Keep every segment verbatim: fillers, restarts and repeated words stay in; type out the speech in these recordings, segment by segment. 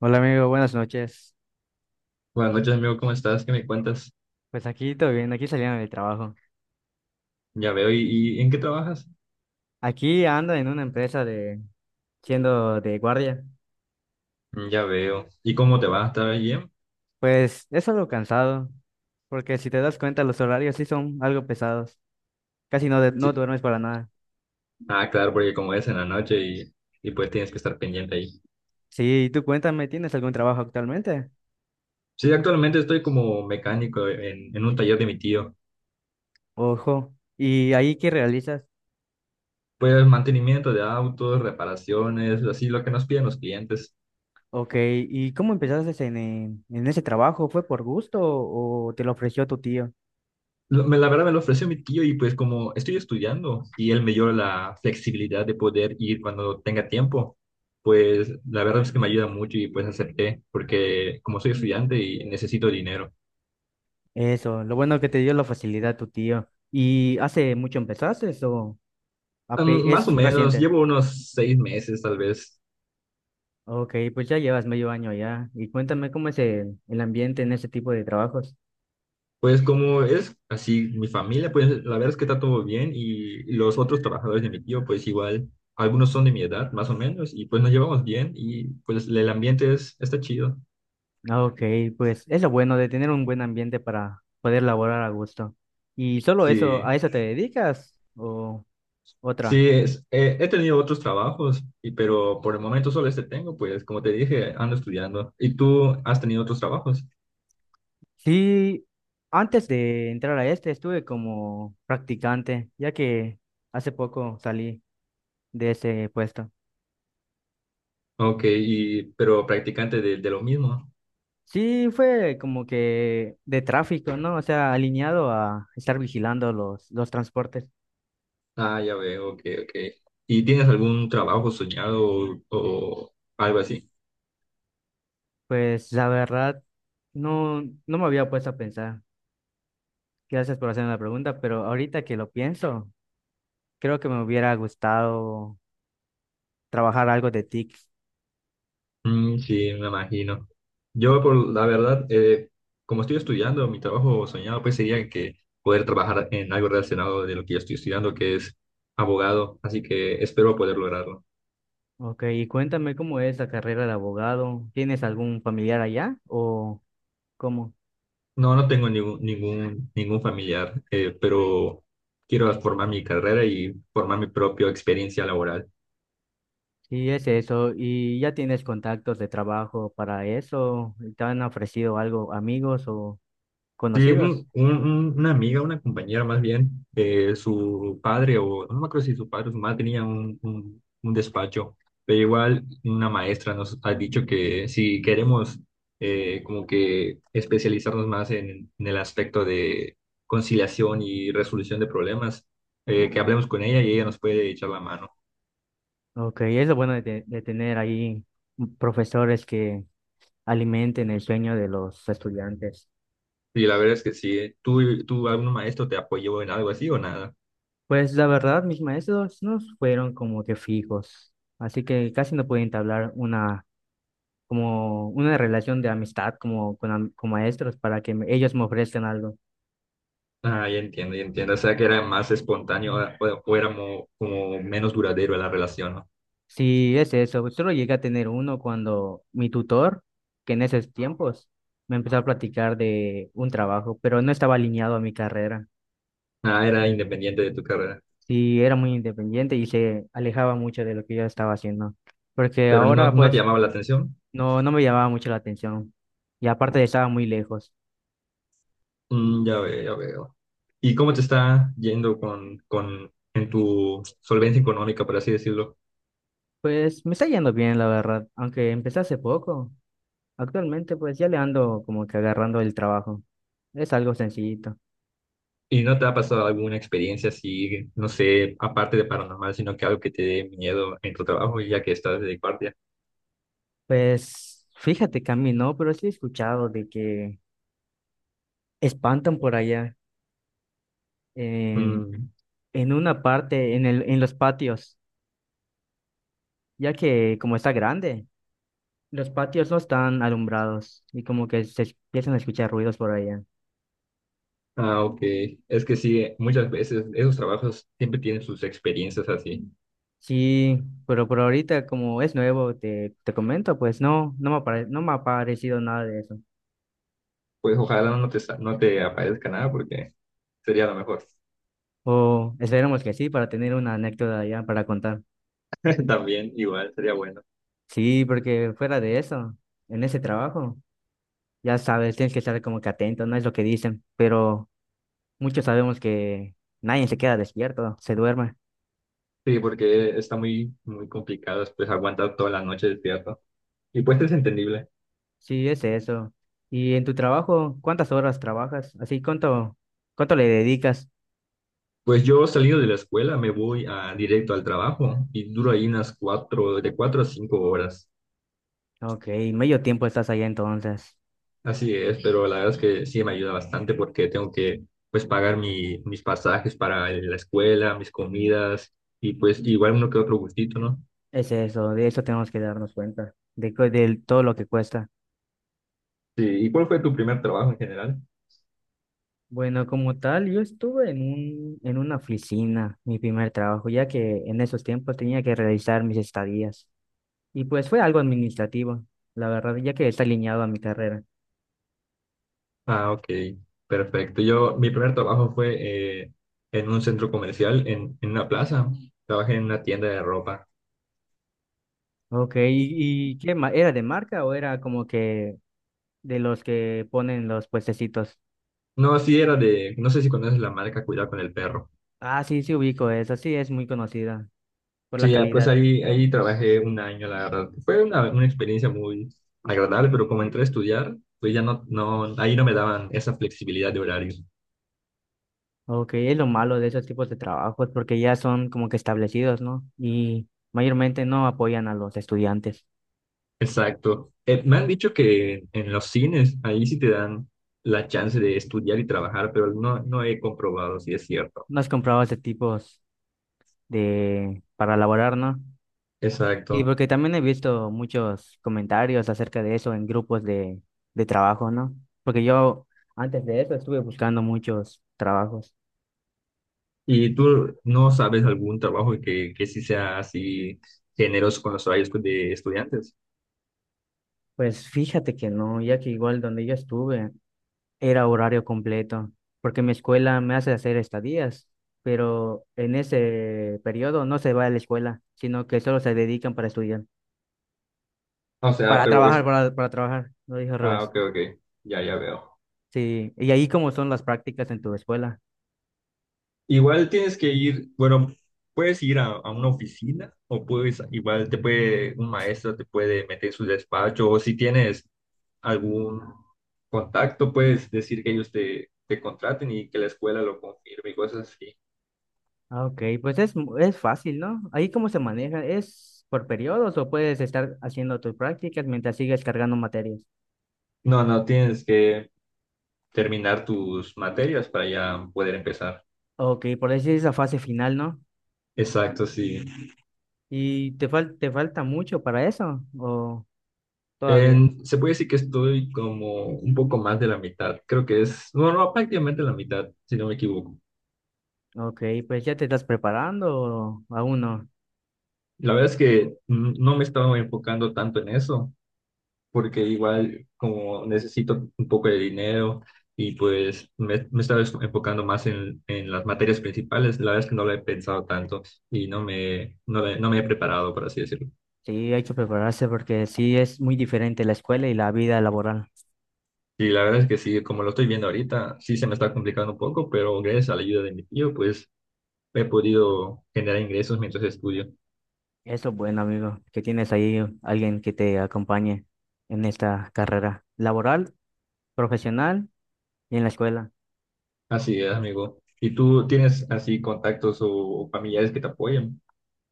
Hola amigo, buenas noches. Buenas noches, amigo, ¿cómo estás? ¿Qué me cuentas? Pues aquí todo bien, aquí saliendo del trabajo. Ya veo. ¿Y, y en qué trabajas? Aquí ando en una empresa de siendo de guardia. Mm, Ya veo. ¿Y cómo te va? ¿Está bien? Pues es algo cansado, porque si te das cuenta los horarios sí son algo pesados. Casi no, de- no Sí. duermes para nada. Ah, claro, porque como es en la noche y, y pues tienes que estar pendiente ahí. Sí, tú cuéntame, ¿tienes algún trabajo actualmente? Sí, actualmente estoy como mecánico en, en un taller de mi tío. Ojo, ¿y ahí qué realizas? Pues mantenimiento de autos, reparaciones, así lo que nos piden los clientes. Ok, ¿y cómo empezaste en, eh, en ese trabajo? ¿Fue por gusto o te lo ofreció tu tío? Lo- me- La verdad me lo ofreció mi tío y pues como estoy estudiando y él me dio la flexibilidad de poder ir cuando tenga tiempo, pues la verdad es que me ayuda mucho y pues acepté porque como soy estudiante y necesito dinero. Eso, lo bueno que te dio la facilidad tu tío. ¿Y hace mucho empezaste o...? A Mm, P Más o es menos, reciente. llevo unos seis meses tal vez. Ok, pues ya llevas medio año ya. Y cuéntame cómo es el, el ambiente en ese tipo de trabajos. Pues como es así mi familia, pues la verdad es que está todo bien y los otros trabajadores de mi tío pues igual, algunos son de mi edad más o menos y pues nos llevamos bien y pues el ambiente es, está chido. Ah, ok, pues es lo bueno de tener un buen ambiente para poder laborar a gusto. ¿Y solo eso, Sí. a eso te dedicas o otra? Sí, es- eh, he tenido otros trabajos, y, pero por el momento solo este tengo, pues como te dije, ando estudiando. ¿Y tú has tenido otros trabajos? Sí, antes de entrar a este estuve como practicante, ya que hace poco salí de ese puesto. Ok, y, pero practicante de, de lo mismo. Sí, fue como que de tráfico, ¿no? O sea, alineado a estar vigilando los, los transportes. Ah, ya veo, ok, ok. ¿Y tienes algún trabajo soñado o, o algo así? Pues la verdad, no, no me había puesto a pensar. Gracias por hacerme la pregunta, pero ahorita que lo pienso, creo que me hubiera gustado trabajar algo de T I C. Mm, sí, me imagino. Yo, por la verdad, eh, como estoy estudiando, mi trabajo soñado pues sería que poder trabajar en algo relacionado de lo que yo estoy estudiando, que es abogado, así que espero poder lograrlo. Ok, y cuéntame cómo es la carrera de abogado. ¿Tienes algún familiar allá o cómo? No, no tengo ningún, ningún, ningún familiar, eh, pero quiero formar mi carrera y formar mi propia experiencia laboral. Sí, es eso. ¿Y ya tienes contactos de trabajo para eso? ¿Te han ofrecido algo amigos o Sí, conocidos? un- un- un- una amiga, una compañera más bien, eh, su padre, o no me acuerdo si su padre o su madre tenía un, un- un despacho, pero igual una maestra nos ha dicho que si queremos eh, como que especializarnos más en, en el aspecto de conciliación y resolución de problemas, eh, que hablemos con ella y ella nos puede echar la mano. Ok, es lo bueno de, te- de tener ahí profesores que alimenten el sueño de los estudiantes. Y la verdad es que sí. ¿Tú, tú algún maestro te apoyó en algo así o nada? Pues la verdad, mis maestros no fueron como que fijos, así que casi no pude entablar una, como una relación de amistad como con, am- con maestros para que me- ellos me ofrezcan algo. Ah, ya entiendo, ya entiendo. O sea, que era más espontáneo ah, o, o era mo- como menos duradero la relación, ¿no? Sí, es eso, solo llegué a tener uno cuando mi tutor, que en esos tiempos me empezó a platicar de un trabajo, pero no estaba alineado a mi carrera. Ah, era independiente de tu carrera. Sí, era muy independiente y se alejaba mucho de lo que yo estaba haciendo, porque Pero no, ahora no te pues llamaba la atención. no, no me llamaba mucho la atención y aparte estaba muy lejos. Mm, ya veo, ya veo. ¿Y cómo te está yendo con, con en tu solvencia económica, por así decirlo? Pues me está yendo bien, la verdad, aunque empecé hace poco. Actualmente, pues ya le ando como que agarrando el trabajo. Es algo sencillito. ¿Y no te ha pasado alguna experiencia así, no sé, aparte de paranormal, sino que algo que te dé miedo en tu trabajo, ya que estás de guardia? Pues fíjate que a mí no, pero sí he escuchado de que espantan por allá en, Mm. en una parte, en el, en los patios, ya que como está grande, los patios no están alumbrados y como que se empiezan a escuchar ruidos por allá. Ah, ok. Es que sí, eh, muchas veces esos trabajos siempre tienen sus experiencias así. Sí, pero por ahorita como es nuevo, te, te comento, pues no, no me apare- no me ha parecido nada de eso. Pues ojalá no te, sa- no te aparezca nada porque sería lo mejor. O esperemos que sí, para tener una anécdota ya para contar. También igual sería bueno. Sí, porque fuera de eso, en ese trabajo, ya sabes, tienes que estar como que atento, no es lo que dicen, pero muchos sabemos que nadie se queda despierto, se duerme. Sí, porque está muy, muy complicado pues aguantar toda la noche despierto. Y pues es entendible. Sí, es eso. Y en tu trabajo, ¿cuántas horas trabajas? Así, ¿cuánto, cuánto le dedicas? Pues yo salido de la escuela me voy a, directo al trabajo y duro ahí unas cuatro, de cuatro a cinco horas. Ok, medio tiempo estás allá entonces. Así es, pero la verdad es que sí me ayuda bastante porque tengo que pues pagar mi, mis pasajes para la escuela, mis comidas y pues igual uno que otro gustito, ¿no? Es eso, de eso tenemos que darnos cuenta, de, cu- de todo lo que cuesta. Sí, ¿y cuál fue tu primer trabajo en general? Bueno, como tal, yo estuve en un, en una oficina, mi primer trabajo, ya que en esos tiempos tenía que realizar mis estadías. Y pues fue algo administrativo, la verdad, ya que está alineado a mi carrera. Ah, ok, perfecto. Yo, mi primer trabajo fue eh, en un centro comercial, en, en una plaza. Trabajé en una tienda de ropa. Ok, ¿y, y qué ma- ¿Era de marca o era como que de los que ponen los puestecitos? No, sí era de, no sé si conoces la marca Cuidado con el Perro. Ah, sí, sí, ubico eso, sí, es muy conocida por la Sí, ya, pues calidad. ahí, ahí trabajé un año, la verdad. Fue una, una experiencia muy agradable, pero como entré a estudiar, pues ya no, no, ahí no me daban esa flexibilidad de horario. Ok, es lo malo de esos tipos de trabajos, porque ya son como que establecidos, ¿no? Y mayormente no apoyan a los estudiantes. Exacto. Eh, me han dicho que en los cines, ahí sí te dan la chance de estudiar y trabajar, pero no, no he comprobado si es cierto. ¿No has comprado ese tipo? De, para elaborar, ¿no? Y Exacto. porque también he visto muchos comentarios acerca de eso en grupos de, de trabajo, ¿no? Porque yo antes de eso estuve buscando muchos trabajos. ¿Y tú no sabes algún trabajo que, que sí sea así generoso con los horarios de estudiantes? Pues fíjate que no, ya que igual donde yo estuve era horario completo, porque mi escuela me hace hacer estadías, pero en ese periodo no se va a la escuela, sino que solo se dedican para estudiar, O sea, para pero trabajar, es... para, para trabajar, lo dije al Ah, revés. ok, ok. Ya, ya veo. Sí, y ahí cómo son las prácticas en tu escuela. Igual tienes que ir, bueno, puedes ir a, a una oficina o puedes, igual te puede, un maestro te puede meter en su despacho o si tienes algún contacto, puedes decir que ellos te, te contraten y que la escuela lo confirme y cosas así. Ah, ok, pues es, mu- es fácil, ¿no? Ahí cómo se maneja, ¿es por periodos o puedes estar haciendo tus prácticas mientras sigues cargando materias? No, no, tienes que terminar tus materias para ya poder empezar. Ok, por decir esa fase final, ¿no? Exacto, sí. ¿Y te fal- te falta mucho para eso o todavía? En- se puede decir que estoy como un poco más de la mitad, creo que es, no, no, prácticamente la mitad, si no me equivoco. Ok, pues ya te estás preparando o aún no. La verdad es que no me estaba enfocando tanto en eso, porque igual como necesito un poco de dinero y pues me, me estaba es- enfocando más en, en las materias principales, la verdad es que no lo he pensado tanto y no me, no, le- no me he preparado, por así decirlo. Sí, hay que prepararse porque sí es muy diferente la escuela y la vida laboral. Y la verdad es que sí, como lo estoy viendo ahorita, sí se me está complicando un poco, pero gracias a la ayuda de mi tío, pues he podido generar ingresos mientras estudio. Eso es bueno, amigo, que tienes ahí alguien que te acompañe en esta carrera laboral, profesional y en la escuela. Así es, amigo. ¿Y tú tienes así contactos o familiares que te apoyen?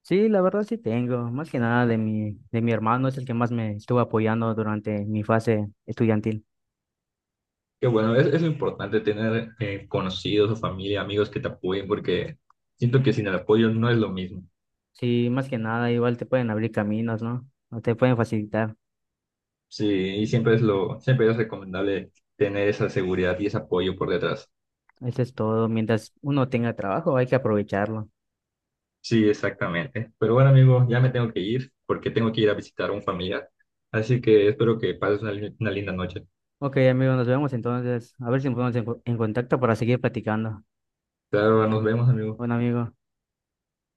Sí, la verdad sí tengo, más que nada de mi, de mi hermano, es el que más me estuvo apoyando durante mi fase estudiantil. Qué bueno, es, es importante tener eh, conocidos o familia, amigos que te apoyen, porque siento que sin el apoyo no es lo mismo. Sí, más que nada, igual te pueden abrir caminos, ¿no? O te pueden facilitar. Sí, y siempre es lo, siempre es recomendable tener esa seguridad y ese apoyo por detrás. Eso es todo. Mientras uno tenga trabajo, hay que aprovecharlo. Sí, exactamente. Pero bueno, amigo, ya me tengo que ir porque tengo que ir a visitar a un familiar. Así que espero que pases una, li- una linda noche. Ok, amigo, nos vemos entonces. A ver si nos ponemos en, co- en contacto para seguir platicando. Claro, nos vemos, amigo. Bueno, amigo.